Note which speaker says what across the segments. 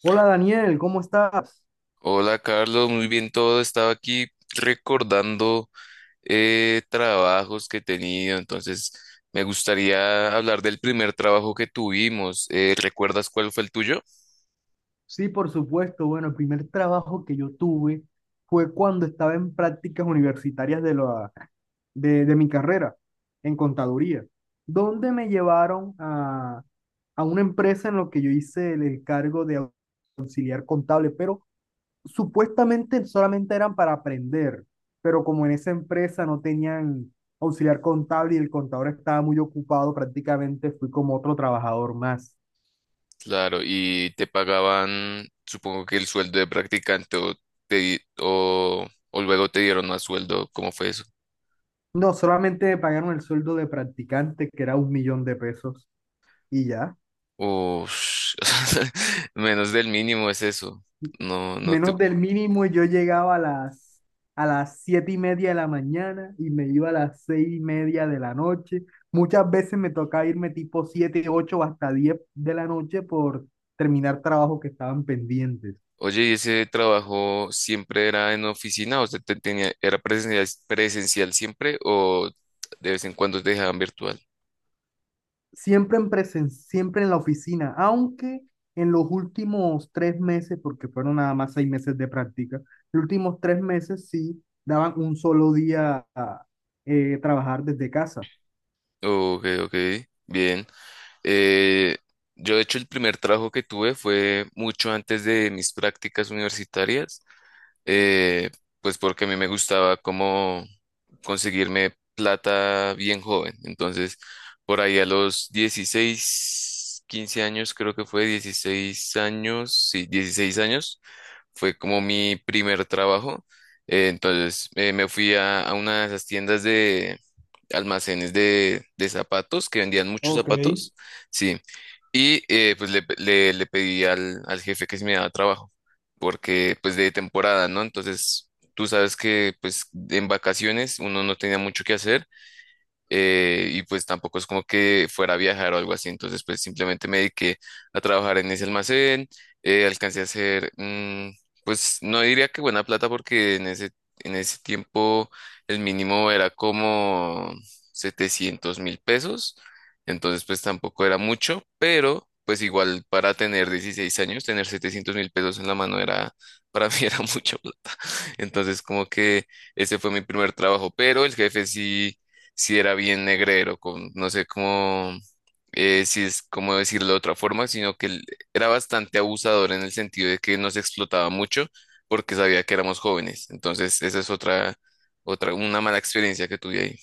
Speaker 1: Hola Daniel, ¿cómo estás?
Speaker 2: Hola Carlos, muy bien todo. Estaba aquí recordando trabajos que he tenido. Entonces me gustaría hablar del primer trabajo que tuvimos. ¿Recuerdas cuál fue el tuyo?
Speaker 1: Sí, por supuesto. Bueno, el primer trabajo que yo tuve fue cuando estaba en prácticas universitarias de mi carrera en contaduría, donde me llevaron a una empresa en lo que yo hice el cargo de auxiliar contable, pero supuestamente solamente eran para aprender, pero como en esa empresa no tenían auxiliar contable y el contador estaba muy ocupado, prácticamente fui como otro trabajador más.
Speaker 2: Claro, y te pagaban, supongo que el sueldo de practicante o luego te dieron más sueldo. ¿Cómo fue eso?
Speaker 1: No, solamente me pagaron el sueldo de practicante, que era 1 millón de pesos, y ya.
Speaker 2: Ush, menos del mínimo es eso. No, no te...
Speaker 1: Menos del mínimo, y yo llegaba a las 7:30 de la mañana y me iba a las 6:30 de la noche. Muchas veces me tocaba irme tipo 7, 8 o hasta 10 de la noche por terminar trabajos que estaban pendientes.
Speaker 2: Oye, ¿y ese trabajo siempre era en oficina? ¿O sea, tenía, era presencial, presencial siempre o de vez en cuando te dejaban virtual?
Speaker 1: Siempre en siempre en la oficina, aunque en los últimos 3 meses, porque fueron nada más 6 meses de práctica, los últimos tres meses sí daban un solo día a trabajar desde casa.
Speaker 2: Ok, ok, bien. Eh, yo, de hecho, el primer trabajo que tuve fue mucho antes de mis prácticas universitarias, eh, pues porque a mí me gustaba como conseguirme plata bien joven. Entonces, por ahí a los 16, 15 años, creo que fue 16 años, sí, 16 años, fue como mi primer trabajo. Entonces, me fui a una de esas tiendas, almacenes de zapatos, que vendían muchos
Speaker 1: Ok.
Speaker 2: zapatos, sí. Y pues le pedí al jefe que si me daba trabajo, porque pues de temporada, ¿no? Entonces, tú sabes que pues en vacaciones uno no tenía mucho que hacer, y pues tampoco es como que fuera a viajar o algo así. Entonces pues simplemente me dediqué a trabajar en ese almacén. Alcancé a hacer, pues no diría que buena plata, porque en en ese tiempo el mínimo era como 700.000 pesos. Entonces pues tampoco era mucho, pero pues igual para tener 16 años, tener 700.000 pesos en la mano era, para mí, era mucha plata. Entonces, como que ese fue mi primer trabajo, pero el jefe sí, si era bien negrero, con, no sé cómo, si es cómo decirlo de otra forma, sino que él era bastante abusador en el sentido de que nos explotaba mucho porque sabía que éramos jóvenes. Entonces, esa es una mala experiencia que tuve ahí.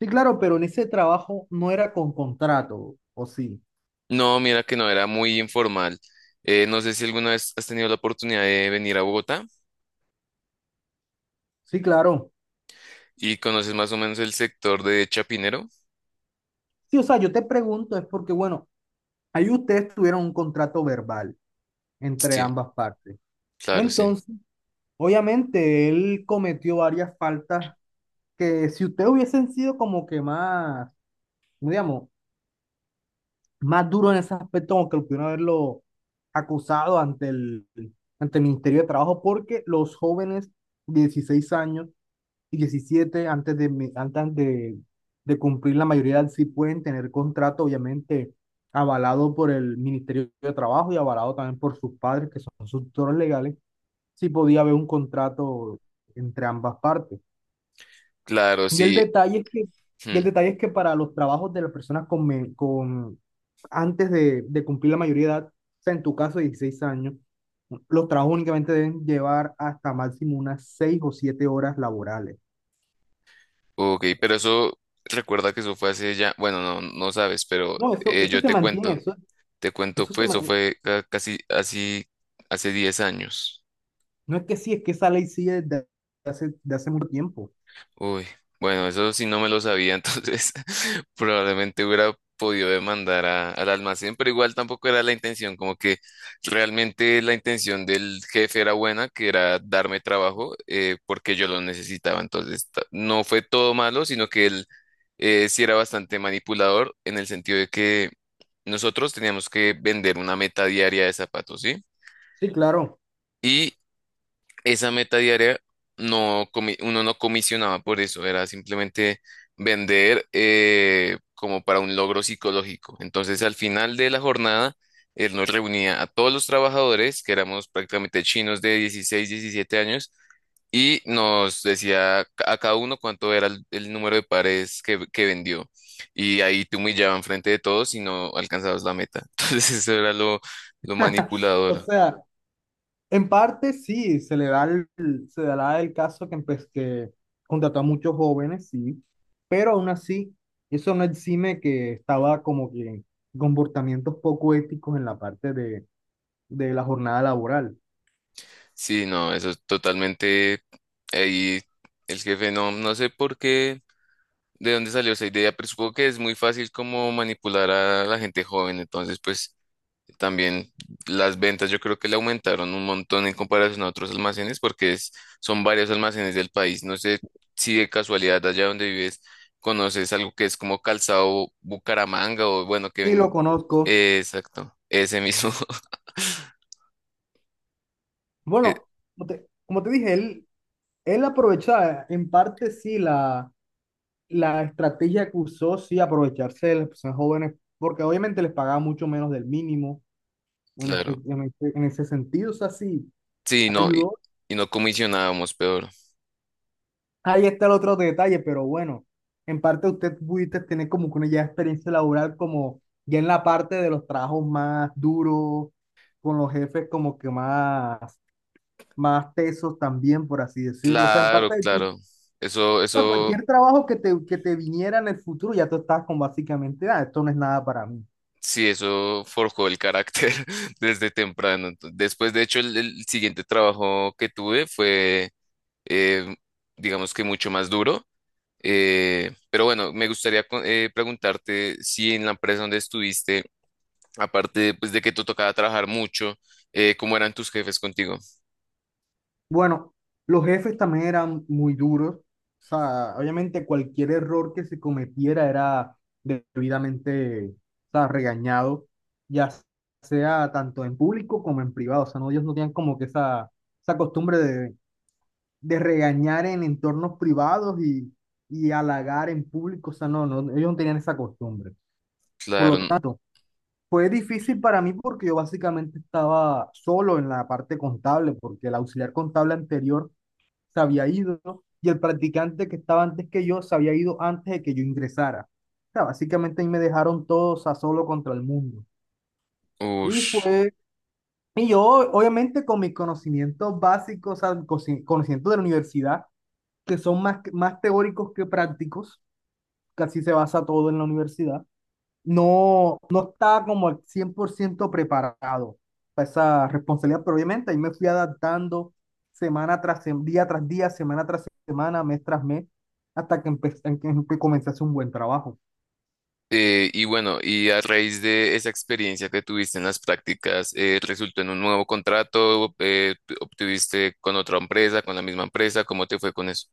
Speaker 1: Sí, claro, pero en ese trabajo no era con contrato, ¿o sí?
Speaker 2: No, mira que no, era muy informal. No sé si alguna vez has tenido la oportunidad de venir a Bogotá
Speaker 1: Sí, claro.
Speaker 2: y conoces más o menos el sector de Chapinero.
Speaker 1: Sí, o sea, yo te pregunto, es porque, bueno, ahí ustedes tuvieron un contrato verbal entre
Speaker 2: Sí,
Speaker 1: ambas partes.
Speaker 2: claro, sí.
Speaker 1: Entonces, obviamente, él cometió varias faltas que si ustedes hubiesen sido como que más, ¿cómo digamos, más duro en ese aspecto, como que lo pudieron haberlo acusado ante ante el Ministerio de Trabajo, porque los jóvenes de 16 años y 17 antes de cumplir la mayoría de edad, sí pueden tener contrato, obviamente, avalado por el Ministerio de Trabajo y avalado también por sus padres, que son sus tutores legales, sí podía haber un contrato entre ambas partes.
Speaker 2: Claro,
Speaker 1: Y el
Speaker 2: sí.
Speaker 1: detalle es que, y el
Speaker 2: Hmm.
Speaker 1: detalle es que para los trabajos de las personas con antes de cumplir la mayoría de edad, o sea, en tu caso, 16 años, los trabajos únicamente deben llevar hasta máximo unas 6 o 7 horas laborales.
Speaker 2: Ok, pero eso, recuerda que eso fue hace ya, bueno, no, no sabes, pero
Speaker 1: No, eso
Speaker 2: yo
Speaker 1: se mantiene,
Speaker 2: te cuento,
Speaker 1: eso se,
Speaker 2: pues
Speaker 1: ma-
Speaker 2: eso
Speaker 1: eh,
Speaker 2: fue casi así hace 10 años.
Speaker 1: no es que sí, es que esa ley sigue desde de hace mucho tiempo.
Speaker 2: Uy, bueno, eso sí no me lo sabía. Entonces probablemente hubiera podido demandar al almacén, pero igual tampoco era la intención, como que realmente la intención del jefe era buena, que era darme trabajo, porque yo lo necesitaba. Entonces no fue todo malo, sino que él, sí era bastante manipulador en el sentido de que nosotros teníamos que vender una meta diaria de zapatos,
Speaker 1: Sí, claro.
Speaker 2: ¿sí? Esa meta diaria no uno no comisionaba por eso, era simplemente vender, como para un logro psicológico. Entonces, al final de la jornada, él nos reunía a todos los trabajadores, que éramos prácticamente chinos de 16, 17 años, y nos decía a cada uno cuánto era el número de pares que vendió. Y ahí te humillaban frente de todos y no alcanzabas la meta. Entonces, eso era lo
Speaker 1: O
Speaker 2: manipulador.
Speaker 1: sea, en parte sí, se le se dará el caso que, que contrató a muchos jóvenes, sí, pero aún así, eso no exime que estaba como que en comportamientos poco éticos en la parte de la jornada laboral.
Speaker 2: Sí, no, eso es totalmente... Ahí el jefe no, no sé por qué, de dónde salió esa idea, pero supongo que es muy fácil como manipular a la gente joven. Entonces pues también las ventas yo creo que le aumentaron un montón en comparación a otros almacenes, porque es, son varios almacenes del país. No sé si de casualidad allá donde vives conoces algo que es como Calzado Bucaramanga o bueno, que
Speaker 1: Sí, lo
Speaker 2: ven-...
Speaker 1: conozco.
Speaker 2: Exacto, ese mismo. eh,
Speaker 1: Bueno, como te dije, él aprovechaba, en parte sí, la estrategia que usó, sí, aprovecharse de las personas jóvenes, porque obviamente les pagaba mucho menos del mínimo en
Speaker 2: claro,
Speaker 1: ese sentido, o sea, sí
Speaker 2: sí, no,
Speaker 1: ayudó.
Speaker 2: y no comisionábamos peor.
Speaker 1: Ahí está el otro detalle, pero bueno, en parte usted pudiste tener como que una ya experiencia laboral como ya en la parte de los trabajos más duros, con los jefes como que más, más tesos también, por así decirlo. O sea, en
Speaker 2: Claro,
Speaker 1: parte de ti,
Speaker 2: claro. Eso,
Speaker 1: o sea,
Speaker 2: eso,
Speaker 1: cualquier trabajo que te viniera en el futuro, ya tú estás con básicamente, ah, esto no es nada para mí.
Speaker 2: sí, eso forjó el carácter desde temprano. Entonces, después, de hecho, el siguiente trabajo que tuve fue, eh, digamos que mucho más duro. Pero bueno, me gustaría preguntarte si en la empresa donde estuviste, aparte pues de que te tocaba trabajar mucho, ¿cómo eran tus jefes contigo?
Speaker 1: Bueno, los jefes también eran muy duros. O sea, obviamente cualquier error que se cometiera era debidamente, o sea, regañado, ya sea tanto en público como en privado. O sea, no, ellos no tenían como que esa costumbre de regañar en entornos privados y halagar en público. O sea, no, no, ellos no tenían esa costumbre. Por lo
Speaker 2: Claro.
Speaker 1: tanto, fue difícil para mí porque yo básicamente estaba solo en la parte contable, porque el auxiliar contable anterior se había ido y el practicante que estaba antes que yo se había ido antes de que yo ingresara. O sea, básicamente ahí me dejaron todos a solo contra el mundo. Y
Speaker 2: Uff.
Speaker 1: fue, y yo obviamente con mis conocimientos básicos, o sea, conocimientos de la universidad, que son más, más teóricos que prácticos, casi se basa todo en la universidad. No, no estaba como al 100% preparado para esa responsabilidad, pero obviamente ahí me fui adaptando día tras día, semana tras semana, mes tras mes, hasta que empecé, comencé a hacer un buen trabajo.
Speaker 2: Y bueno, y a raíz de esa experiencia que tuviste en las prácticas, ¿resultó en un nuevo contrato? ¿Obtuviste con otra empresa, con la misma empresa? ¿Cómo te fue con eso?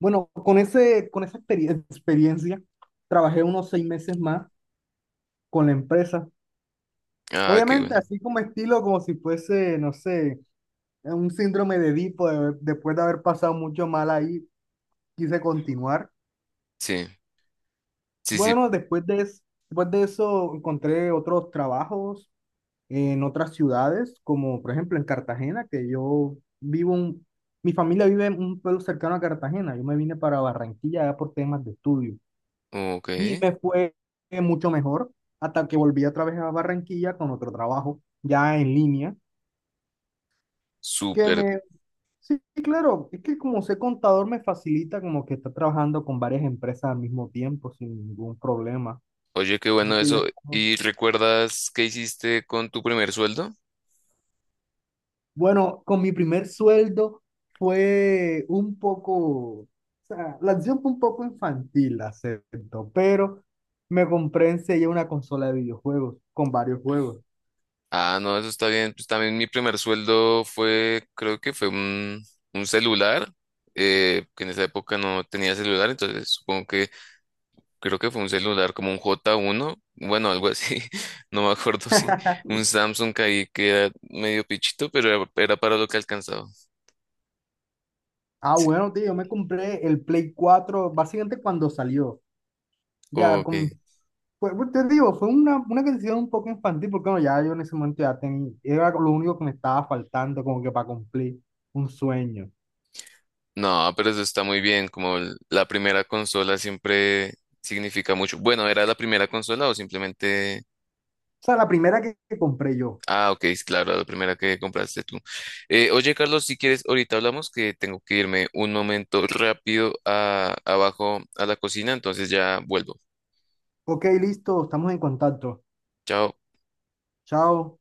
Speaker 1: Bueno, con esa experiencia, trabajé unos 6 meses más con la empresa.
Speaker 2: Ah, qué
Speaker 1: Obviamente,
Speaker 2: bueno.
Speaker 1: así como estilo, como si fuese, no sé, un síndrome de Edipo, después de haber pasado mucho mal ahí, quise continuar.
Speaker 2: Sí, sí, sí.
Speaker 1: Bueno, después de eso encontré otros trabajos en otras ciudades, como por ejemplo en Cartagena, que yo mi familia vive en un pueblo cercano a Cartagena. Yo me vine para Barranquilla ya por temas de estudio
Speaker 2: Ok,
Speaker 1: y me fue mucho mejor hasta que volví otra vez a Barranquilla con otro trabajo ya en línea, que
Speaker 2: súper.
Speaker 1: me, sí, claro, es que como soy contador me facilita como que estar trabajando con varias empresas al mismo tiempo sin ningún problema.
Speaker 2: Oye, qué
Speaker 1: Así
Speaker 2: bueno
Speaker 1: que ya
Speaker 2: eso.
Speaker 1: está.
Speaker 2: ¿Y recuerdas qué hiciste con tu primer sueldo?
Speaker 1: Bueno, con mi primer sueldo fue un poco, o sea, la acción fue un poco infantil, la acepto, pero me compré enseguida una consola de videojuegos con varios juegos.
Speaker 2: Ah, no, eso está bien. Pues también mi primer sueldo fue, creo que fue un celular, que en esa época no tenía celular, entonces supongo que... Creo que fue un celular como un J1, bueno, algo así, no me acuerdo, si un Samsung ahí que era medio pichito, pero era, era para lo que alcanzaba.
Speaker 1: Ah,
Speaker 2: Sí,
Speaker 1: bueno, tío, yo me compré el Play cuatro básicamente cuando salió. Ya,
Speaker 2: ok.
Speaker 1: pues, pues, te digo, fue una decisión un poco infantil porque bueno, ya yo en ese momento ya tenía, era lo único que me estaba faltando como que para cumplir un sueño. O
Speaker 2: No, pero eso está muy bien, como la primera consola siempre significa mucho. Bueno, ¿era la primera consola o simplemente...
Speaker 1: sea, la primera que compré yo.
Speaker 2: Ah, ok, es claro, la primera que compraste tú. Oye, Carlos, si quieres, ahorita hablamos, que tengo que irme un momento rápido abajo a la cocina, entonces ya vuelvo.
Speaker 1: Ok, listo, estamos en contacto.
Speaker 2: Chao.
Speaker 1: Chao.